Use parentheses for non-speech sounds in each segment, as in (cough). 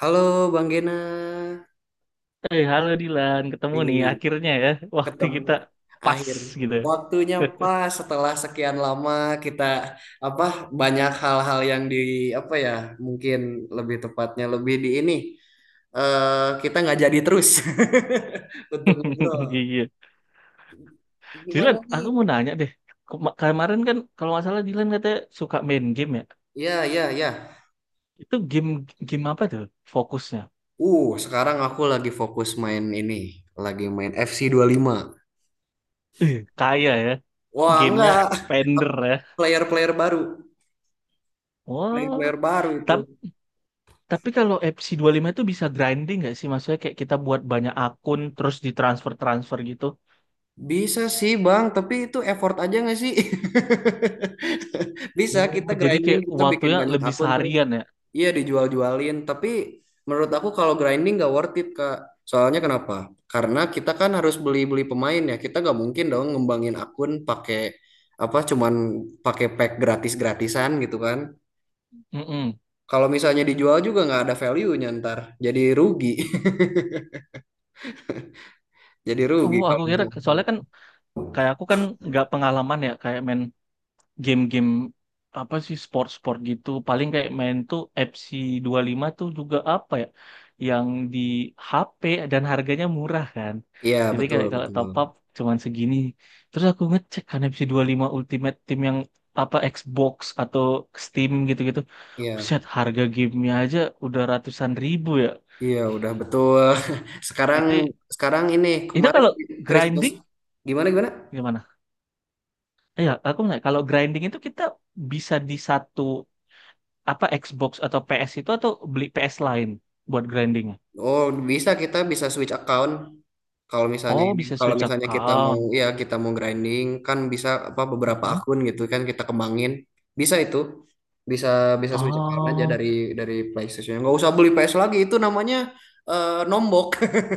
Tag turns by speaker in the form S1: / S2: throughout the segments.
S1: Halo Bang Gena.
S2: Halo Dilan, ketemu nih
S1: Ih,
S2: akhirnya ya. Waktu
S1: ketemu
S2: kita pas
S1: akhir
S2: gitu.
S1: waktunya pas setelah sekian lama kita apa banyak hal-hal yang di apa ya mungkin lebih tepatnya lebih di ini kita nggak jadi terus (laughs) untuk ngobrol.
S2: (laughs) Iya.
S1: Gimana
S2: Dilan, aku
S1: nih?
S2: mau nanya deh. Kemarin kan kalau nggak salah Dilan katanya suka main game ya.
S1: Ya ya ya.
S2: Itu game game apa tuh fokusnya?
S1: Sekarang aku lagi fokus main ini, lagi main FC 5.
S2: Kaya ya.
S1: Wah,
S2: Gamenya
S1: enggak.
S2: spender
S1: (laughs)
S2: ya.
S1: player-player baru, player-player
S2: Wow.
S1: baru itu.
S2: Tapi tapi kalau FC lima itu bisa grinding nggak sih? Maksudnya kayak kita buat banyak akun terus ditransfer-transfer gitu.
S1: Bisa sih Bang, tapi itu effort aja nggak sih? (laughs) Bisa
S2: Oh,
S1: kita
S2: jadi
S1: grinding,
S2: kayak
S1: kita bikin
S2: waktunya
S1: banyak
S2: lebih
S1: akun terus
S2: seharian ya.
S1: iya dijual-jualin. Tapi menurut aku kalau grinding nggak worth it Kak. Soalnya kenapa? Karena kita kan harus beli-beli pemain ya. Kita nggak mungkin dong ngembangin akun pakai apa cuman pakai pack gratis-gratisan gitu kan.
S2: Mm-mm.
S1: Kalau misalnya dijual juga nggak ada value-nya ntar. Jadi rugi. (laughs) Jadi rugi
S2: Oh, aku
S1: kalau
S2: kira
S1: misalnya.
S2: soalnya kan kayak aku kan nggak pengalaman ya kayak main game-game apa sih sport-sport gitu paling kayak main tuh FC lima tuh juga apa ya yang di HP dan harganya murah kan
S1: Iya,
S2: jadi
S1: betul,
S2: kayak kalau
S1: betul.
S2: top up cuman segini terus aku ngecek kan FC lima Ultimate Team yang apa Xbox atau Steam gitu-gitu
S1: Iya.
S2: set harga gamenya aja udah ratusan ribu ya
S1: Iya, udah betul. (laughs) Sekarang
S2: jadi
S1: sekarang ini
S2: itu
S1: kemarin
S2: kalau
S1: Christmas
S2: grinding
S1: gimana gimana?
S2: gimana? Iya, aku nanya, kalau grinding itu kita bisa di satu apa Xbox atau PS itu atau beli PS lain buat grinding?
S1: Oh, bisa, kita bisa switch account.
S2: Oh, bisa
S1: Kalau
S2: Switch
S1: misalnya kita mau
S2: account.
S1: ya kita mau grinding kan bisa apa beberapa
S2: Mhm.
S1: akun gitu kan kita kembangin. Bisa itu. Bisa bisa switch account aja
S2: Oh,
S1: dari PlayStation. Nggak usah beli PS lagi itu namanya nombok. (laughs)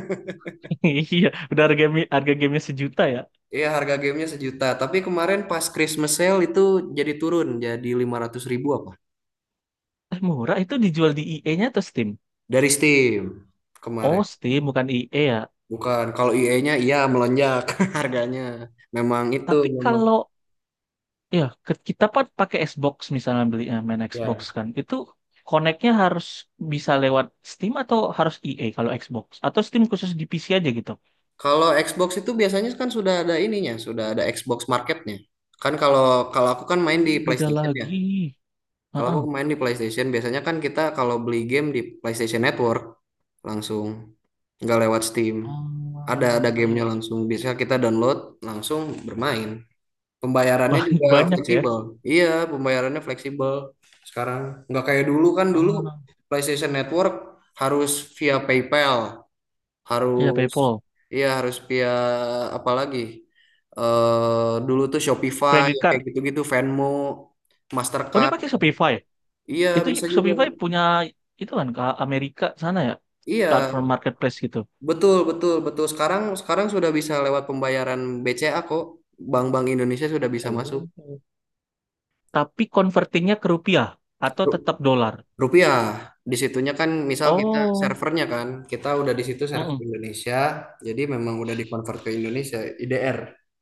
S2: (laughs) iya. Udah harga game harga gamenya sejuta ya.
S1: Iya, harga gamenya sejuta. Tapi kemarin pas Christmas sale itu jadi turun jadi 500 ribu apa?
S2: Murah itu dijual di EA-nya atau Steam?
S1: Dari Steam
S2: Oh,
S1: kemarin.
S2: Steam bukan EA ya.
S1: Bukan, kalau IE-nya iya melonjak (laughs) harganya. Memang itu
S2: Tapi
S1: memang
S2: kalau ya kita pakai Xbox misalnya beli main Xbox
S1: ya.
S2: kan, itu connect-nya harus bisa lewat Steam atau harus EA kalau Xbox? Atau Steam khusus di PC aja gitu?
S1: Kalau Xbox itu biasanya kan sudah ada ininya, sudah ada Xbox Marketnya. Kan kalau kalau aku kan main di
S2: Oh, beda
S1: PlayStation ya.
S2: lagi.
S1: Kalau aku
S2: Heeh.
S1: main di PlayStation biasanya kan kita kalau beli game di PlayStation Network langsung nggak lewat Steam. Ada
S2: Ah, ya.
S1: gamenya langsung. Biasanya kita download langsung bermain. Pembayarannya
S2: Ba-
S1: juga
S2: (laughs) Banyak ya.
S1: fleksibel. Iya, pembayarannya fleksibel sekarang. Nggak kayak dulu, kan dulu
S2: Ah,
S1: PlayStation Network harus via PayPal,
S2: iya
S1: harus
S2: PayPal.
S1: iya harus via apa lagi? Dulu tuh Shopify
S2: Credit
S1: kayak
S2: card.
S1: gitu-gitu, Venmo,
S2: Oh, dia
S1: Mastercard.
S2: pakai Shopify, ya?
S1: Iya,
S2: Itu
S1: bisa juga.
S2: Shopify punya itu kan ke Amerika sana ya.
S1: Iya,
S2: Platform marketplace gitu.
S1: betul betul betul. Sekarang sekarang sudah bisa lewat pembayaran BCA kok. Bank-bank Indonesia sudah bisa masuk.
S2: Oh. Tapi convertingnya ke rupiah atau tetap dolar.
S1: Rupiah. Di situnya kan misal kita
S2: Oh,
S1: servernya kan, kita udah di situ server
S2: mm-mm.
S1: Indonesia, jadi memang udah dikonvert ke Indonesia, IDR.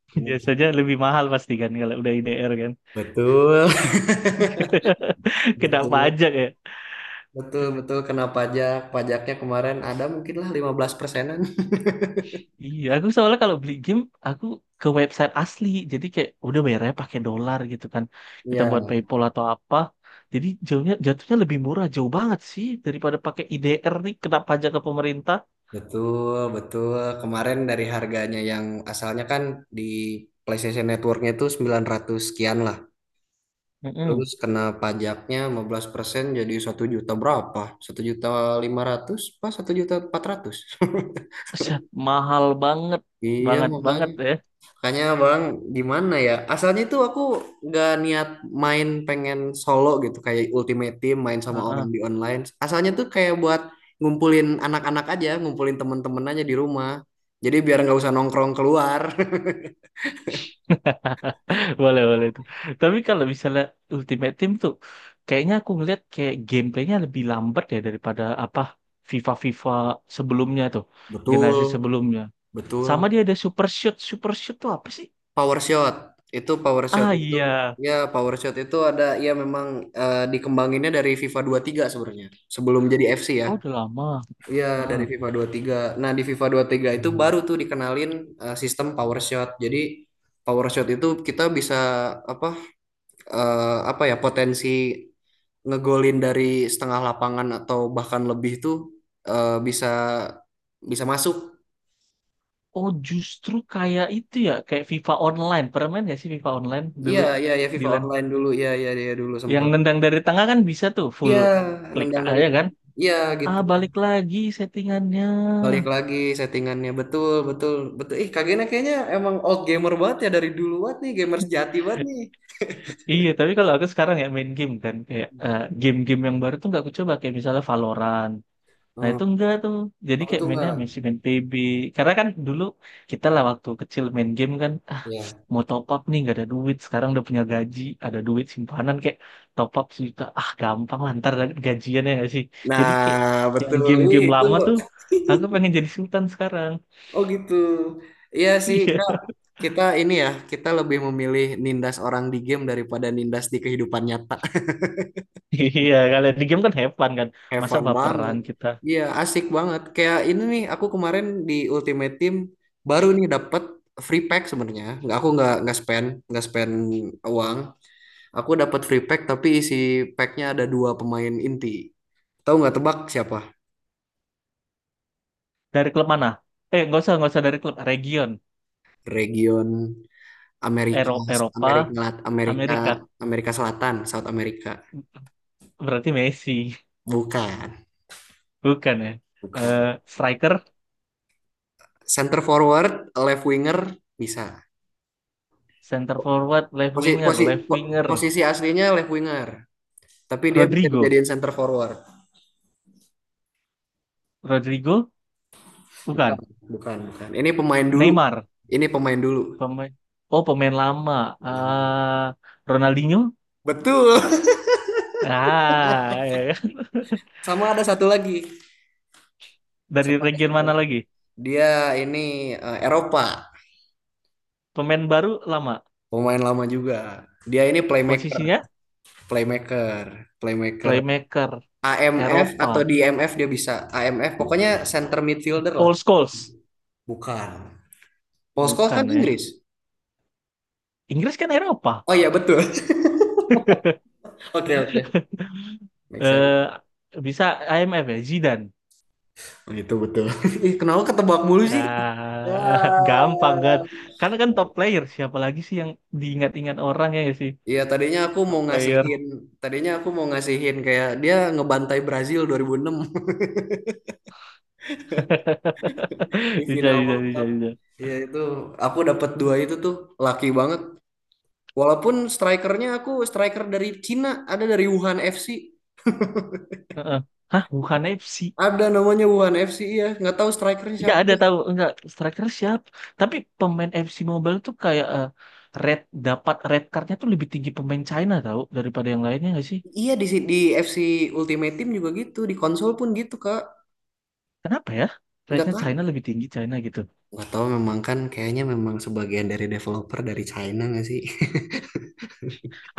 S2: (laughs) Biasanya
S1: Indonesia.
S2: lebih mahal pasti kan kalau udah IDR kan.
S1: Betul. (laughs)
S2: (laughs) Kena
S1: Betul.
S2: pajak ya.
S1: Betul, betul. Kena pajak. Pajaknya kemarin ada mungkin lah 15%-an. (laughs)
S2: Iya, aku soalnya kalau beli game aku ke website asli, jadi kayak udah bayarnya pakai dolar gitu kan. Kita buat
S1: Ya,
S2: PayPal atau apa. Jadi jauhnya jatuhnya lebih murah, jauh banget sih daripada pakai IDR nih kena pajak ke pemerintah.
S1: betul, betul. Kemarin dari harganya yang asalnya kan di PlayStation Networknya itu 900 sekian lah.
S2: Mm-mm.
S1: Terus kena pajaknya 15%, jadi 1 juta berapa? 1,5 juta, pas 1,4 juta. (laughs)
S2: Set, mahal banget,
S1: Iya
S2: banget
S1: makanya.
S2: banget ya.
S1: Makanya Bang gimana ya? Asalnya itu aku nggak niat main pengen solo gitu kayak Ultimate Team main sama orang
S2: Heeh.
S1: di online. Asalnya tuh kayak buat ngumpulin anak-anak aja, ngumpulin temen-temen aja di rumah. Jadi biar nggak usah nongkrong keluar.
S2: (laughs) Boleh, boleh itu. Tapi kalau misalnya Ultimate Team tuh, kayaknya aku ngeliat kayak gameplaynya lebih lambat ya daripada apa FIFA-FIFA sebelumnya tuh,
S1: (laughs)
S2: generasi
S1: Betul,
S2: sebelumnya. Sama
S1: betul.
S2: dia ada Super Shoot. Super Shoot tuh apa sih?
S1: Power shot itu power shot
S2: Ah
S1: itu
S2: iya,
S1: Power shot itu ada ya, memang dikembanginnya dari FIFA 23 sebenarnya, sebelum jadi FC ya.
S2: oh udah lama.
S1: Iya, dari
S2: Ah.
S1: FIFA 23. Nah, di FIFA 23 itu baru tuh dikenalin sistem power shot. Jadi power shot itu kita bisa apa apa ya potensi ngegolin dari setengah lapangan atau bahkan lebih tuh bisa bisa masuk.
S2: Oh justru kayak itu ya, kayak FIFA Online. Pernah main nggak sih FIFA Online
S1: Iya
S2: dulu,
S1: iya ya, FIFA
S2: Dilan?
S1: online dulu ya ya ya dulu
S2: Yang
S1: sempat.
S2: nendang dari tengah kan bisa tuh full
S1: Iya,
S2: klik
S1: nendang dari
S2: aja kan?
S1: iya
S2: Ah
S1: gitu.
S2: balik lagi settingannya.
S1: Balik lagi settingannya betul betul betul. Ih, Kagena kayaknya emang old gamer banget ya, dari dulu banget nih, gamer sejati banget nih.
S2: Iya, tapi kalau aku sekarang ya main game kan kayak game-game yang baru tuh nggak aku coba kayak misalnya Valorant. Nah
S1: Hmm.
S2: itu enggak tuh. Jadi
S1: Aku
S2: kayak
S1: tuh
S2: mainnya
S1: nggak.
S2: masih main PB. Karena kan dulu kita lah waktu kecil main game kan ah
S1: Ya.
S2: mau top up nih nggak ada duit. Sekarang udah punya gaji, ada duit simpanan kayak top up sejuta. Ah gampang lah ntar dapat gajian ya nggak sih. Jadi kayak
S1: Nah,
S2: yang
S1: betul. Ih,
S2: game-game
S1: itu.
S2: lama tuh aku
S1: (laughs)
S2: pengen jadi sultan sekarang.
S1: Oh, gitu. Iya sih, Kak.
S2: (laughs)
S1: Kita ini ya, kita lebih memilih nindas orang di game daripada nindas di kehidupan nyata.
S2: Iya, iya. Kalau di game kan have fun kan.
S1: Have
S2: Masa
S1: fun
S2: baperan
S1: banget.
S2: kita.
S1: Iya, asik banget. Kayak ini nih, aku kemarin di Ultimate Team baru nih dapat free pack sebenarnya. Nggak, aku nggak spend uang. Aku dapat free pack tapi isi packnya ada dua pemain inti. Tahu nggak, tebak siapa?
S2: Dari klub mana? Nggak usah, nggak usah dari klub. Region.
S1: Region Amerika, Amerika,
S2: Eropa,
S1: Lat- Amerika,
S2: Amerika.
S1: Amerika Selatan, South America.
S2: Berarti Messi.
S1: Bukan,
S2: (laughs) Bukan ya. Eh,
S1: bukan.
S2: striker,
S1: Center forward, left winger bisa.
S2: center forward, left
S1: Posi,
S2: winger,
S1: posi,
S2: left winger.
S1: posisi aslinya left winger. Tapi dia bisa
S2: Rodrigo.
S1: dijadiin center forward.
S2: Rodrigo?
S1: Bukan,
S2: Bukan.
S1: bukan, bukan. Ini pemain dulu.
S2: Neymar.
S1: Ini pemain dulu.
S2: Pemain. Oh, pemain lama.
S1: Hmm.
S2: Ah, Ronaldinho?
S1: Betul.
S2: Ah, ya, kan?
S1: Sama ada satu lagi.
S2: (laughs) Dari
S1: Sama ada
S2: region
S1: satu
S2: mana
S1: lagi.
S2: lagi?
S1: Dia ini Eropa,
S2: Pemain baru lama.
S1: pemain lama juga. Dia ini playmaker,
S2: Posisinya
S1: playmaker, playmaker.
S2: playmaker.
S1: AMF
S2: Eropa.
S1: atau di IMF dia bisa. AMF pokoknya center midfielder lah.
S2: Paul Scholes.
S1: Bukan. Paul Scholes
S2: Bukan
S1: kan
S2: ya.
S1: Inggris.
S2: Inggris kan Eropa.
S1: Oh, iya betul. (laughs) Oke, oke. Make sense.
S2: Eh, bisa IMF ya Zidane.
S1: Oh, itu betul. (laughs) Ih, kenapa ketebak mulu sih? Ya.
S2: Ah, (laughs) gampang kan. Karena kan top player siapa lagi sih yang diingat-ingat orang ya nggak sih?
S1: Iya, tadinya aku
S2: Top
S1: mau
S2: player.
S1: ngasihin tadinya aku mau ngasihin kayak dia ngebantai Brazil 2006
S2: (laughs)
S1: (laughs) di
S2: Bisa
S1: final
S2: bisa
S1: World
S2: bisa
S1: Cup.
S2: bisa.
S1: Iya, itu aku dapat dua itu tuh laki banget. Walaupun aku striker dari Cina, ada dari Wuhan FC.
S2: Heeh. Hah, bukan FC.
S1: Ada namanya Wuhan FC iya, nggak tahu strikernya
S2: Ya
S1: siapa.
S2: ada tahu enggak striker siapa? Tapi pemain FC Mobile tuh kayak red dapat red cardnya tuh lebih tinggi pemain China tahu daripada yang lainnya nggak sih?
S1: Iya di di FC Ultimate Team juga gitu, di konsol pun gitu, Kak.
S2: Kenapa ya?
S1: Nggak
S2: Rednya
S1: tahu.
S2: China lebih tinggi China gitu.
S1: Nggak tahu, memang kan kayaknya memang sebagian dari developer dari China nggak sih?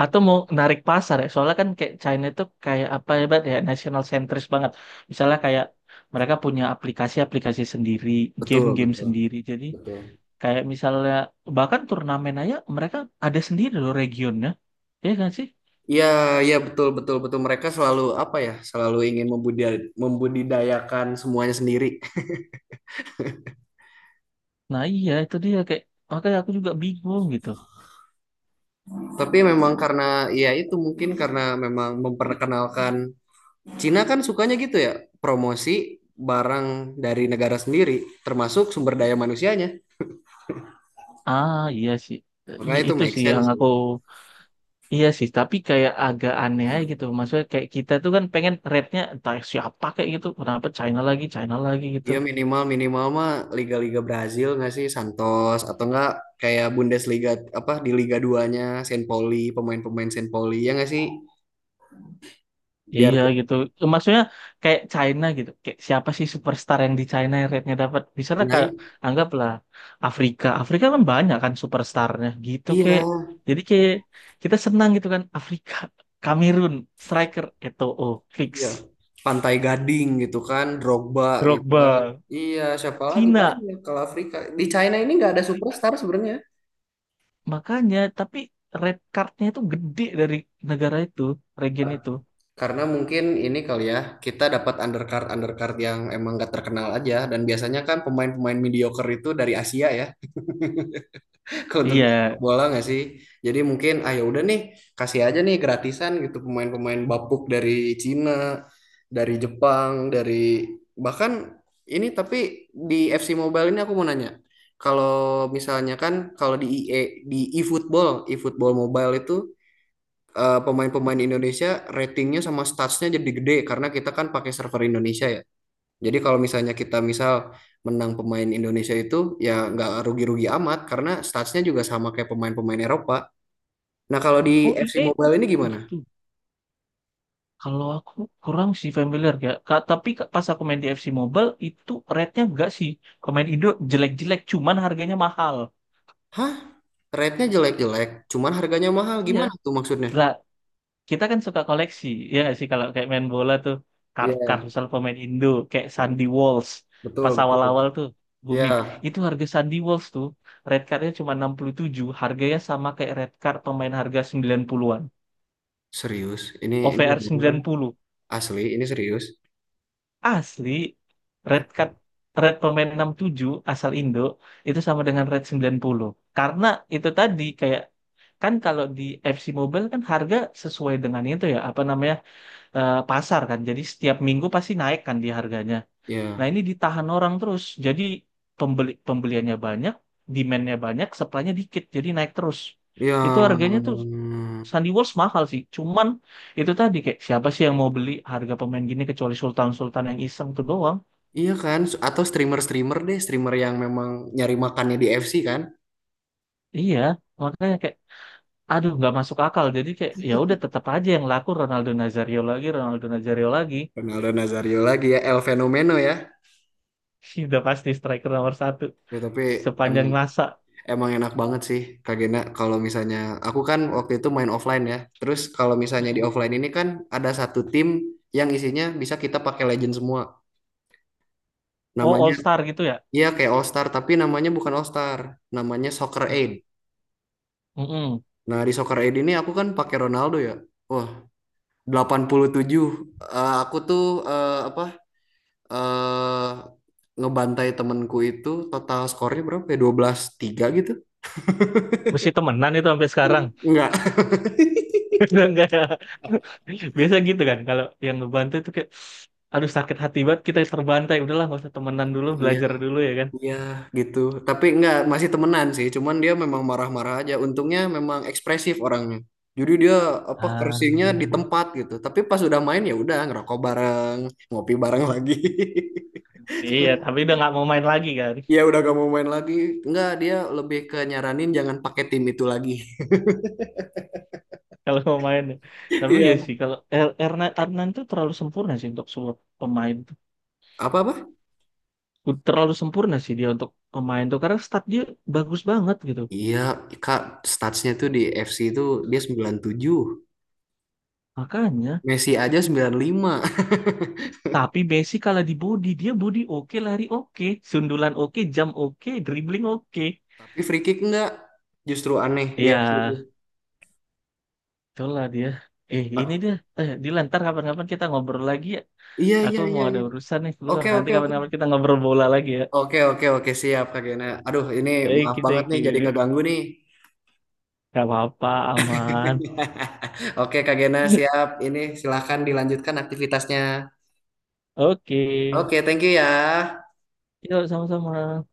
S2: Atau mau narik pasar ya soalnya kan kayak China itu kayak apa ya Bat, ya national centris banget misalnya kayak mereka punya aplikasi-aplikasi sendiri
S1: (laughs) Betul,
S2: game-game
S1: betul,
S2: sendiri jadi
S1: betul.
S2: kayak misalnya bahkan turnamen aja mereka ada sendiri loh regionnya ya kan sih.
S1: Iya, iya betul betul betul, mereka selalu apa ya? Selalu ingin membudidayakan semuanya sendiri.
S2: Nah iya itu dia kayak makanya aku juga bingung gitu.
S1: Tapi memang karena ya itu mungkin karena memang memperkenalkan, Cina kan sukanya gitu ya, promosi barang dari negara sendiri termasuk sumber daya manusianya.
S2: Ah iya sih. Iya
S1: Makanya itu
S2: itu
S1: make
S2: sih
S1: sense
S2: yang
S1: sih.
S2: aku iya sih tapi kayak agak aneh aja gitu maksudnya kayak kita tuh kan pengen rate-nya entah siapa kayak gitu kenapa China lagi gitu.
S1: Dia minimal minimal mah liga-liga Brazil nggak sih, Santos atau enggak kayak Bundesliga, apa di Liga 2-nya Saint Pauli, pemain-pemain Saint Pauli ya nggak sih? Biar
S2: Iya gitu. Maksudnya kayak China gitu. Kayak siapa sih superstar yang di China yang rate-nya dapat? Misalnya kayak
S1: naik.
S2: anggaplah Afrika. Afrika kan banyak kan superstarnya gitu
S1: Iya,
S2: kayak. Jadi kayak kita senang gitu kan Afrika, Kamerun, striker Eto'o, fix.
S1: iya. Pantai Gading gitu kan, Drogba gitu kan.
S2: Drogba.
S1: Iya, siapa lagi
S2: Cina
S1: banyak kalau Afrika. Di China ini nggak ada superstar sebenarnya.
S2: makanya tapi red cardnya itu gede dari negara itu, region itu.
S1: Karena mungkin ini kali ya, kita dapat undercard undercard yang emang nggak terkenal aja. Dan biasanya kan pemain-pemain mediocre itu dari Asia ya. (laughs) Untuk
S2: Iya.
S1: sepak bola nggak sih? Jadi mungkin ah ya udah nih, kasih aja nih gratisan gitu pemain-pemain bapuk dari Cina, dari Jepang, dari bahkan ini, tapi di FC Mobile ini aku mau nanya. Kalau misalnya kan kalau di IE di eFootball Mobile itu pemain-pemain Indonesia ratingnya sama statsnya jadi gede karena kita kan pakai server Indonesia ya. Jadi kalau misalnya kita misal menang pemain Indonesia itu ya nggak rugi-rugi amat karena statsnya juga sama kayak pemain-pemain Eropa. Nah kalau di FC
S2: Eh
S1: Mobile ini gimana?
S2: gitu. Kalau aku kurang sih familiar ya. Tapi pas aku main di FC Mobile itu rate-nya enggak sih. Kalau main Indo jelek-jelek cuman harganya mahal.
S1: Hah? Rate-nya jelek-jelek, cuman harganya mahal.
S2: Iya.
S1: Gimana tuh maksudnya?
S2: Lah, kita kan suka koleksi. Ya nggak sih kalau kayak main bola tuh kart-kart
S1: Iya,
S2: misal pemain Indo kayak Sandy Walsh
S1: betul,
S2: pas
S1: betul.
S2: awal-awal tuh booming.
S1: Ya,
S2: Itu harga Sandy Walsh tuh red card-nya cuma 67, harganya sama kayak red card pemain harga 90-an.
S1: serius. Ini nggak
S2: OVR
S1: bohong kan?
S2: puluh.
S1: Asli, ini serius.
S2: Asli, red card red pemain 67 asal Indo itu sama dengan red 90. Karena itu tadi kayak kan kalau di FC Mobile kan harga sesuai dengan itu ya, apa namanya? Pasar kan. Jadi setiap minggu pasti naik kan di harganya. Nah,
S1: Ya,
S2: ini ditahan orang terus. Jadi pembeliannya banyak, demand-nya banyak, supply-nya dikit. Jadi naik terus.
S1: ya,
S2: Itu harganya tuh Sandy Walsh mahal sih. Cuman itu tadi kayak siapa sih yang mau beli harga pemain gini kecuali Sultan-Sultan yang iseng tuh doang.
S1: iya kan? Atau streamer-streamer deh, streamer yang memang nyari makannya di FC kan?
S2: Iya, makanya kayak aduh nggak masuk akal. Jadi kayak ya udah tetap aja yang laku Ronaldo Nazario lagi, Ronaldo Nazario lagi.
S1: Ronaldo Nazario lagi ya, El Fenomeno ya.
S2: (laughs) Udah pasti striker nomor satu
S1: Ya, tapi emang
S2: sepanjang masa.
S1: emang enak banget sih Kak Gena, kalau misalnya aku kan waktu itu main offline ya. Terus kalau misalnya di
S2: Mm-mm.
S1: offline ini kan ada satu tim yang isinya bisa kita pakai legend semua.
S2: Oh All
S1: Namanya
S2: Star gitu ya?
S1: iya kayak All Star, tapi namanya bukan All Star, namanya Soccer Aid.
S2: Mm-mm. Mm-mm.
S1: Nah, di Soccer Aid ini aku kan pakai Ronaldo ya. Wah, 87. Aku tuh apa eh ngebantai temenku itu total skornya berapa ya? 12-3 gitu.
S2: Mesti temenan itu sampai sekarang.
S1: Enggak.
S2: (laughs) Udah nggak ada. (laughs) Biasa gitu kan kalau yang ngebantu itu kayak aduh sakit hati banget kita terbantai. Udahlah nggak usah temenan dulu,
S1: Iya,
S2: belajar dulu ya kan.
S1: iya gitu. Tapi enggak, masih temenan sih. Cuman dia memang marah-marah aja. Untungnya memang ekspresif orangnya. Jadi dia apa
S2: Ah.
S1: cursingnya di tempat gitu. Tapi pas udah main ya udah ngerokok bareng, ngopi bareng lagi. (laughs)
S2: Iya, tapi udah nggak mau main lagi kan.
S1: Ya udah gak mau main lagi. Enggak, dia lebih ke nyaranin jangan pakai tim itu lagi.
S2: Kalau mau main ya.
S1: (laughs)
S2: Tapi ya
S1: Iya.
S2: sih kalau Adnan tuh terlalu sempurna sih untuk sebuah pemain tuh.
S1: Apa-apa?
S2: Terlalu sempurna sih dia untuk pemain tuh karena stat dia bagus banget gitu
S1: Iya, Kak, statsnya tuh di FC itu dia 97,
S2: makanya
S1: Messi aja 95.
S2: tapi Messi kalah di body dia body oke lari oke sundulan oke jam oke dribbling oke
S1: (laughs) Tapi free kick enggak. Justru aneh di FC itu.
S2: ya itulah dia eh ini
S1: Pak,
S2: dia eh Dilan ntar kapan-kapan kita ngobrol lagi ya
S1: iya,
S2: aku
S1: iya, iya,
S2: mau ada
S1: iya.
S2: urusan nih keluar
S1: Oke,
S2: nanti
S1: oke,
S2: kapan-kapan kita ngobrol bola lagi ya
S1: oke, oke, oke, siap Kak Gena. Aduh, ini
S2: baik
S1: maaf
S2: kita
S1: banget
S2: you thank
S1: nih jadi
S2: you.
S1: ngeganggu nih.
S2: Gak apa-apa aman.
S1: (laughs) Oke, Kak Gena, siap.
S2: (laughs)
S1: Ini silahkan dilanjutkan aktivitasnya.
S2: Oke.
S1: Oke, thank you ya.
S2: Yuk, sama-sama.